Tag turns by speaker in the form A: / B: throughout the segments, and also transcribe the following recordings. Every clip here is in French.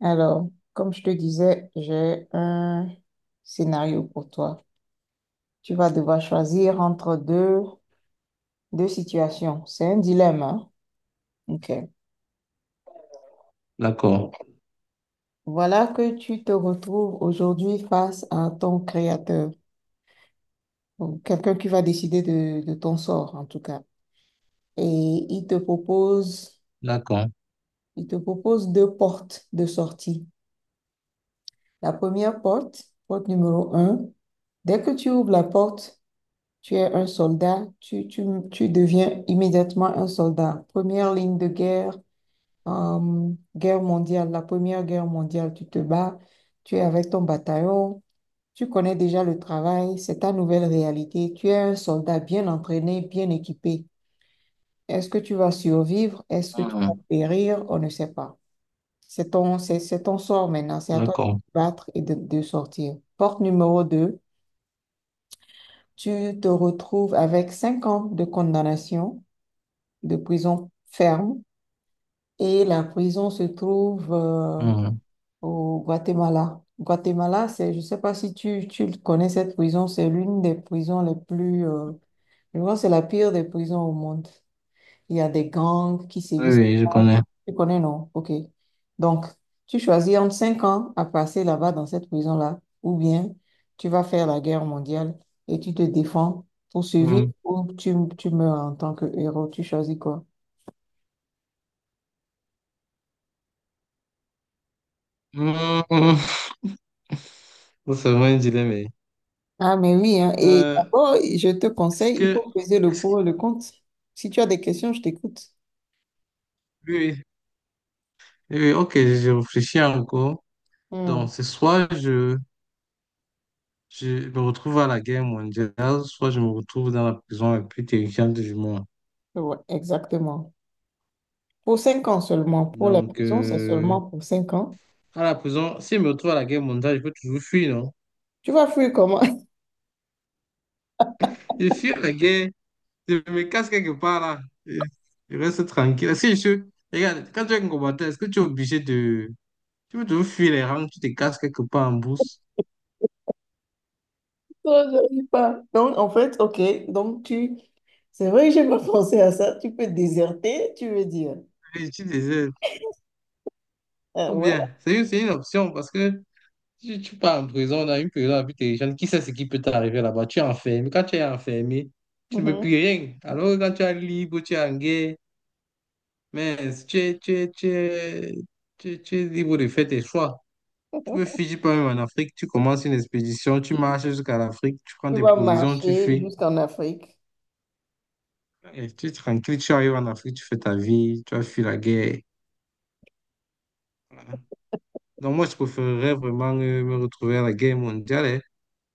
A: Alors, comme je te disais, j'ai un scénario pour toi. Tu vas devoir choisir entre deux situations. C'est un dilemme, hein? OK.
B: D'accord,
A: Voilà que tu te retrouves aujourd'hui face à ton créateur, ou quelqu'un qui va décider de ton sort, en tout cas. Et il te propose,
B: d'accord,
A: il te propose deux portes de sortie. La première porte, porte numéro un, dès que tu ouvres la porte, tu es un soldat, tu deviens immédiatement un soldat. Première ligne de guerre, la Première Guerre mondiale, tu te bats, tu es avec ton bataillon, tu connais déjà le travail, c'est ta nouvelle réalité. Tu es un soldat bien entraîné, bien équipé. Est-ce que tu vas survivre? Est-ce que tu vas
B: mhm.
A: périr? On ne sait pas. C'est ton sort maintenant, c'est à toi de
B: D'accord.
A: te battre et de sortir. Porte numéro 2. Tu te retrouves avec 5 ans de condamnation de prison ferme et la prison se trouve
B: Mhm.
A: au Guatemala. Guatemala, c'est, je ne sais pas si tu connais cette prison, c'est l'une des prisons les plus, je crois que c'est la pire des prisons au monde. Il y a des gangs qui
B: Oui,
A: sévissent
B: oui, je
A: là.
B: connais.
A: Tu connais, non? OK. Donc, tu choisis entre 5 ans à passer là-bas dans cette prison-là, ou bien tu vas faire la guerre mondiale et tu te défends pour survivre
B: Mhm.
A: ou tu meurs en tant que héros. Tu choisis quoi?
B: Mhm. C'est vraiment un dilemme, eh.
A: Ah, mais oui, hein. Et
B: Euh,
A: d'abord, je te
B: est-ce
A: conseille, il
B: que,
A: faut peser le
B: est-ce que-
A: pour et le contre. Si tu as des questions, je t'écoute.
B: oui, oui, oui, oui, ok, je réfléchis encore.
A: Hmm,
B: Donc, c'est soit je me retrouve à la guerre mondiale, soit je me retrouve dans la prison la plus terrifiante du monde.
A: ouais, exactement. Pour 5 ans seulement. Pour la
B: Donc,
A: prison, c'est seulement pour 5 ans.
B: à la prison, si je me retrouve à la guerre mondiale, je peux toujours fuir, non?
A: Tu vas fuir comment?
B: Je fuis la guerre, je me casse quelque part là. Je je reste tranquille. Est-ce que je suis. Regarde, quand tu es un combattant, est-ce que tu es obligé de. Tu veux toujours fuir les rangs, tu te casses quelque part en bourse.
A: Non, j'arrive pas. Donc, en fait, OK. Donc, tu... C'est vrai que j'ai pas pensé à ça. Tu peux déserter, tu veux dire.
B: Et tu désires.
A: Ah
B: Ou
A: ouais.
B: bien, c'est c'est une option parce que tu pars en prison, dans une prison la plus terrifiante, qui sait ce qui peut t'arriver là-bas? Tu es enfermé. Quand tu es enfermé, tu ne peux plus
A: Mhm.
B: rien. Alors que quand tu es libre, tu es en guerre, mais tu es, tu es, tu es, tu es libre de faire tes choix. Tu peux fuir, tu peux même en Afrique, tu commences une expédition, tu marches jusqu'à l'Afrique, tu prends
A: Tu
B: tes
A: vas
B: provisions, tu
A: marcher
B: fuis.
A: jusqu'en Afrique.
B: Et tu es tranquille, tu arrives en Afrique, tu fais ta vie, tu as fui la guerre. Voilà. Donc moi, je préférerais vraiment me retrouver à la guerre mondiale hein,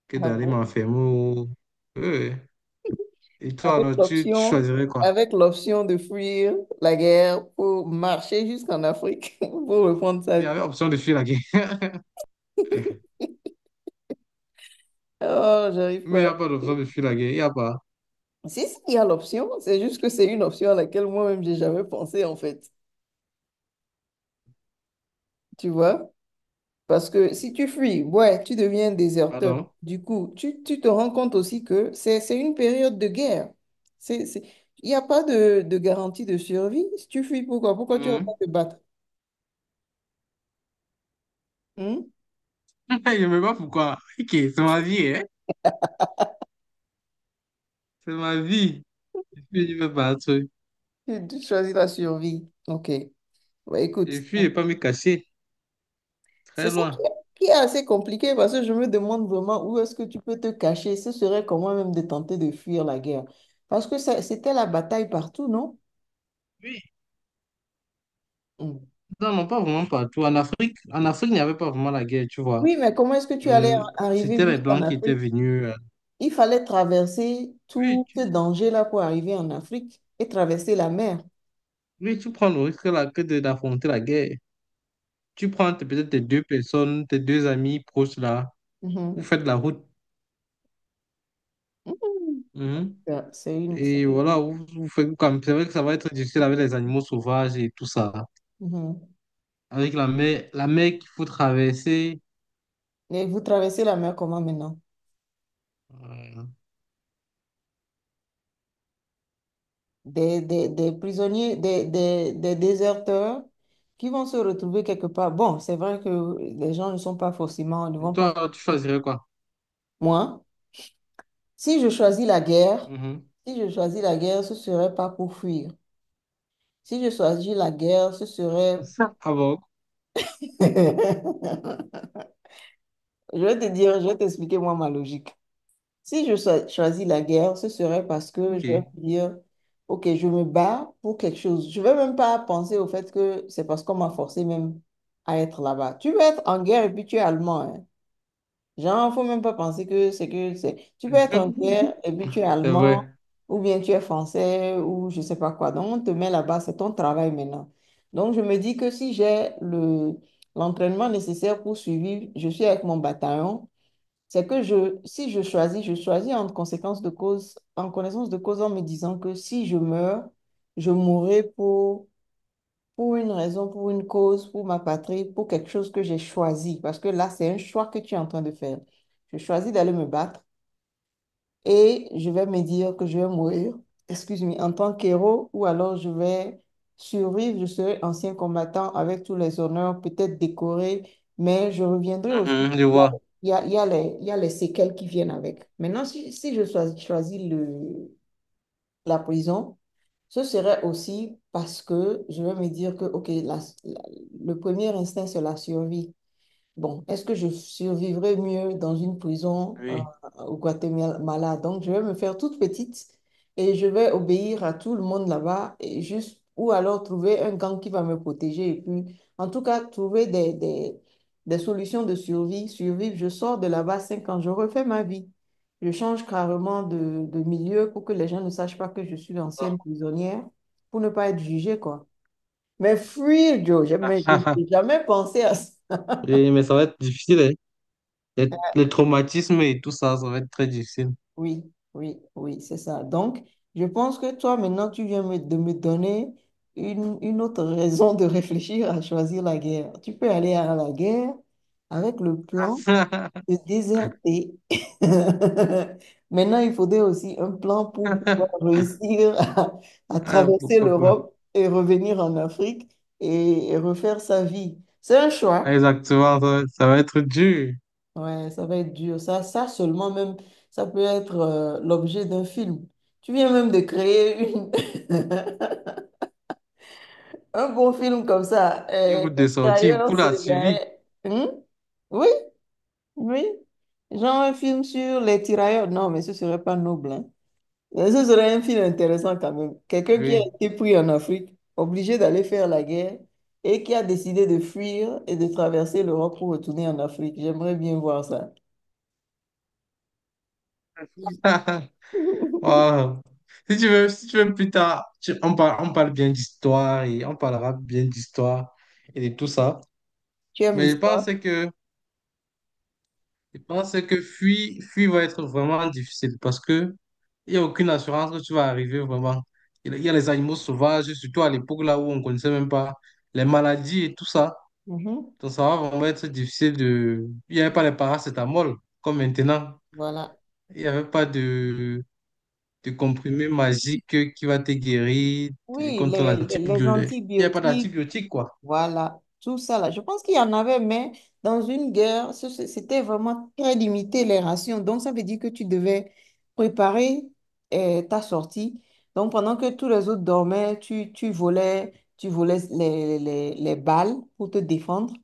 B: que
A: Ah
B: d'aller
A: bon?
B: m'enfermer au... Euh, Et toi,
A: avec
B: alors, tu
A: l'option,
B: choisirais quoi?
A: avec l'option de fuir la guerre pour marcher jusqu'en Afrique pour reprendre sa
B: Il y
A: vie.
B: avait option de fuir la guerre.
A: Oh, j'arrive
B: Mais il
A: pas.
B: n'y a pas d'option de fuir la guerre, il n'y a pas.
A: Si, si, il y a l'option, c'est juste que c'est une option à laquelle moi-même j'ai jamais pensé en fait, tu vois? Parce que si tu fuis, ouais, tu deviens déserteur.
B: Pardon?
A: Du coup, tu te rends compte aussi que c'est une période de guerre. C'est, c'est... Il n'y a pas de garantie de survie. Si tu fuis, pourquoi? Pourquoi tu vas pas
B: Mhm.
A: te battre? Hmm?
B: Je ne sais pas pourquoi. Ok, c'est ma vie, hein? C'est ma vie. Je fuis, je ne veux pas un truc.
A: Tu choisis la survie. OK. Ouais,
B: Je
A: écoute,
B: fuis, je ne vais pas me cacher.
A: c'est
B: Très
A: ça qui
B: loin.
A: est, qui est assez compliqué parce que je me demande vraiment où est-ce que tu peux te cacher. Ce serait comment même de tenter de fuir la guerre. Parce que c'était la bataille partout, non?
B: Oui.
A: Mm.
B: Non, non, pas vraiment partout. En Afrique, il n'y avait pas vraiment la guerre, tu vois.
A: Oui, mais comment est-ce que tu allais
B: Euh,
A: arriver
B: c'était les
A: jusqu'en
B: Blancs qui étaient
A: Afrique?
B: venus.
A: Il fallait traverser
B: Oui,
A: tout ce
B: tu,
A: danger-là pour arriver en Afrique et traverser la mer.
B: oui, tu prends le risque là que d'affronter la guerre. Tu prends peut-être tes deux personnes, tes deux amis proches là, vous
A: Mhm.
B: faites la route.
A: Mhm.
B: Mhm.
A: Ça, c'est
B: Et voilà,
A: une-
B: vous faites comme. C'est vrai que ça va être difficile avec les animaux sauvages et tout ça.
A: Mhm.
B: Avec la mer qu'il faut traverser.
A: Et vous traversez la mer comment maintenant?
B: euh,
A: Des prisonniers, des déserteurs qui vont se retrouver quelque part. Bon, c'est vrai que les gens ne sont pas forcément, ne
B: et
A: vont pas
B: toi, tu
A: forcément.
B: choisirais quoi?
A: Moi, si je choisis la guerre,
B: Mhm.
A: si je choisis la guerre, ce serait pas pour fuir. Si je choisis la guerre, ce serait...
B: Ah bon,
A: Je vais te dire, je vais t'expliquer moi ma logique. Si je choisis la guerre, ce serait parce que
B: ok.
A: je vais me dire, OK, je me bats pour quelque chose. Je ne vais même pas penser au fait que c'est parce qu'on m'a forcé même à être là-bas. Tu peux être en guerre et puis tu es allemand, hein. Genre, il ne faut même pas penser Tu peux être en guerre et puis tu es
B: C'est
A: allemand
B: vrai.
A: ou bien tu es français ou je ne sais pas quoi. Donc, on te met là-bas, c'est ton travail maintenant. Donc, je me dis que si j'ai l'entraînement nécessaire pour suivre, je suis avec mon bataillon. C'est que si je choisis, je choisis en conséquence de cause, en connaissance de cause en me disant que si je meurs, je mourrai pour une raison, pour une cause, pour ma patrie, pour quelque chose que j'ai choisi. Parce que là, c'est un choix que tu es en train de faire. Je choisis d'aller me battre et je vais me dire que je vais mourir, excuse-moi, en tant qu'héros, ou alors je vais survivre, je serai ancien combattant avec tous les honneurs, peut-être décoré, mais je reviendrai aussi.
B: Mhm, je vois.
A: Il y a les séquelles qui viennent avec. Maintenant, si je choisis la prison, ce serait aussi parce que je vais me dire que, OK, le premier instinct, c'est la survie. Bon, est-ce que je survivrai mieux dans une prison
B: Oui.
A: au Guatemala? Donc, je vais me faire toute petite et je vais obéir à tout le monde là-bas et juste ou alors trouver un gang qui va me protéger et puis, en tout cas, trouver des solutions de survie, survivre. Je sors de là-bas 5 ans, je refais ma vie. Je change carrément de milieu pour que les gens ne sachent pas que je suis l'ancienne
B: Et-
A: prisonnière pour ne pas être jugée, quoi. Mais fuir, Joe, je n'ai jamais pensé à ça.
B: mais ça va être difficile, hein. Les traumatismes et tout ça, ça va être très difficile.
A: Oui, oui, oui, c'est ça. Donc, je pense que toi, maintenant, de me donner une autre raison de réfléchir à choisir la guerre. Tu peux aller à la guerre avec le plan de déserter. Maintenant, il faudrait aussi un plan pour pouvoir réussir à traverser
B: Pourquoi pas?
A: l'Europe et revenir en Afrique et refaire sa vie. C'est un
B: Ah,
A: choix.
B: exactement, ça va être dur.
A: Ouais, ça va être dur. Ça seulement même, ça peut être l'objet d'un film. Tu viens même de créer une... un bon film comme ça.
B: Une route de sortie
A: L'extérieur,
B: pour
A: c'est
B: la
A: le
B: suivi.
A: garet. Hum? Oui, oui. Genre un film sur les tirailleurs. Non, mais ce serait pas noble, hein. Mais ce serait un film intéressant quand même. Quelqu'un qui a
B: Oui.
A: été pris en Afrique, obligé d'aller faire la guerre et qui a décidé de fuir et de traverser l'Europe pour retourner en Afrique. J'aimerais bien voir ça.
B: Wow. Si tu veux, si tu veux plus tard, on parle bien d'histoire et on parlera bien d'histoire et de tout ça.
A: Tu aimes
B: Mais
A: l'histoire?
B: je pense que fuir va être vraiment difficile parce que Il n'y a aucune assurance que tu vas arriver vraiment. Il y a les animaux sauvages, surtout à l'époque là où on ne connaissait même pas les maladies et tout ça.
A: Mhm.
B: Donc ça va vraiment être difficile de... Il n'y avait pas les paracétamol comme maintenant.
A: Voilà.
B: Il n'y avait pas de comprimé magique qui va te guérir
A: Oui,
B: contre
A: les
B: l'antibiotique. Il n'y a pas
A: antibiotiques,
B: d'antibiotique quoi.
A: voilà, tout ça là. Je pense qu'il y en avait, mais dans une guerre, c'était vraiment très limité les rations. Donc, ça veut dire que tu devais préparer ta sortie. Donc, pendant que tous les autres dormaient, tu volais, tu volais les balles pour te défendre.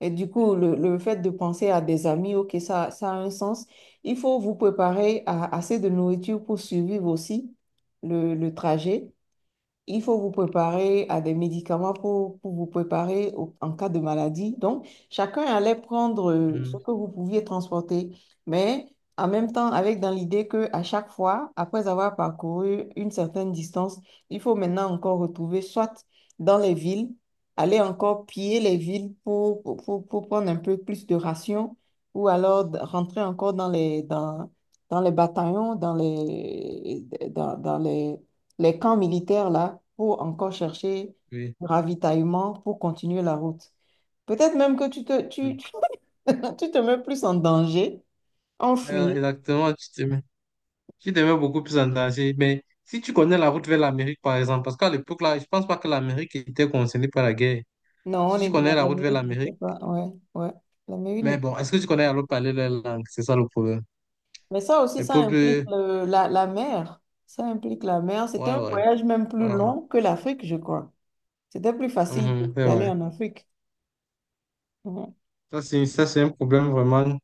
A: Et du coup, le fait de penser à des amis, ok, ça a un sens. Il faut vous préparer à assez de nourriture pour survivre aussi le trajet. Il faut vous préparer à des médicaments pour vous préparer en cas de maladie. Donc, chacun allait prendre ce
B: Mhm,
A: que vous pouviez transporter, mais en même temps, avec dans l'idée que à chaque fois, après avoir parcouru une certaine distance, il faut maintenant encore retrouver soit dans les villes, aller encore piller les villes pour prendre un peu plus de rations, ou alors rentrer encore dans les bataillons, dans les, dans, dans les camps militaires là pour encore chercher
B: oui.
A: du ravitaillement pour continuer la route. Peut-être même que
B: Mhm.
A: tu te mets plus en danger, en fuir.
B: Exactement, tu te mets beaucoup plus en danger. Mais si tu connais la route vers l'Amérique par exemple, parce qu'à l'époque là, je pense pas que l'Amérique était concernée par la guerre.
A: Non, on
B: Si tu
A: est,
B: connais
A: la
B: la
A: la
B: route vers
A: mairie n'était
B: l'Amérique,
A: pas. Ouais, ouais. La mairie
B: mais
A: n'était
B: bon,
A: pas
B: est-ce que
A: cool.
B: tu connais à l'autre parler leur langue? C'est ça le problème.
A: Mais ça aussi,
B: Les
A: ça implique
B: peuples,
A: la mer. Ça implique la mer. C'était
B: ouais,
A: un
B: ouais.
A: voyage même plus
B: Ah ouais.
A: long que l'Afrique, je crois. C'était plus facile
B: Mhm, c'est vrai.
A: d'aller en Afrique. Ouais.
B: Ça, c'est un problème vraiment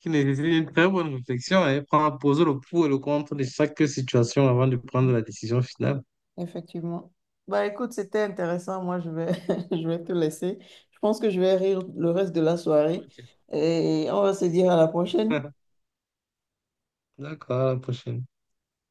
B: qui nécessite une très bonne réflexion et prendre, poser le pour et le contre de chaque situation avant de prendre la décision finale.
A: Effectivement. Bah écoute, c'était intéressant. Moi, je vais, je vais te laisser. Je pense que je vais rire le reste de la soirée
B: Ok.
A: et on va se dire à la prochaine.
B: D'accord, à la prochaine.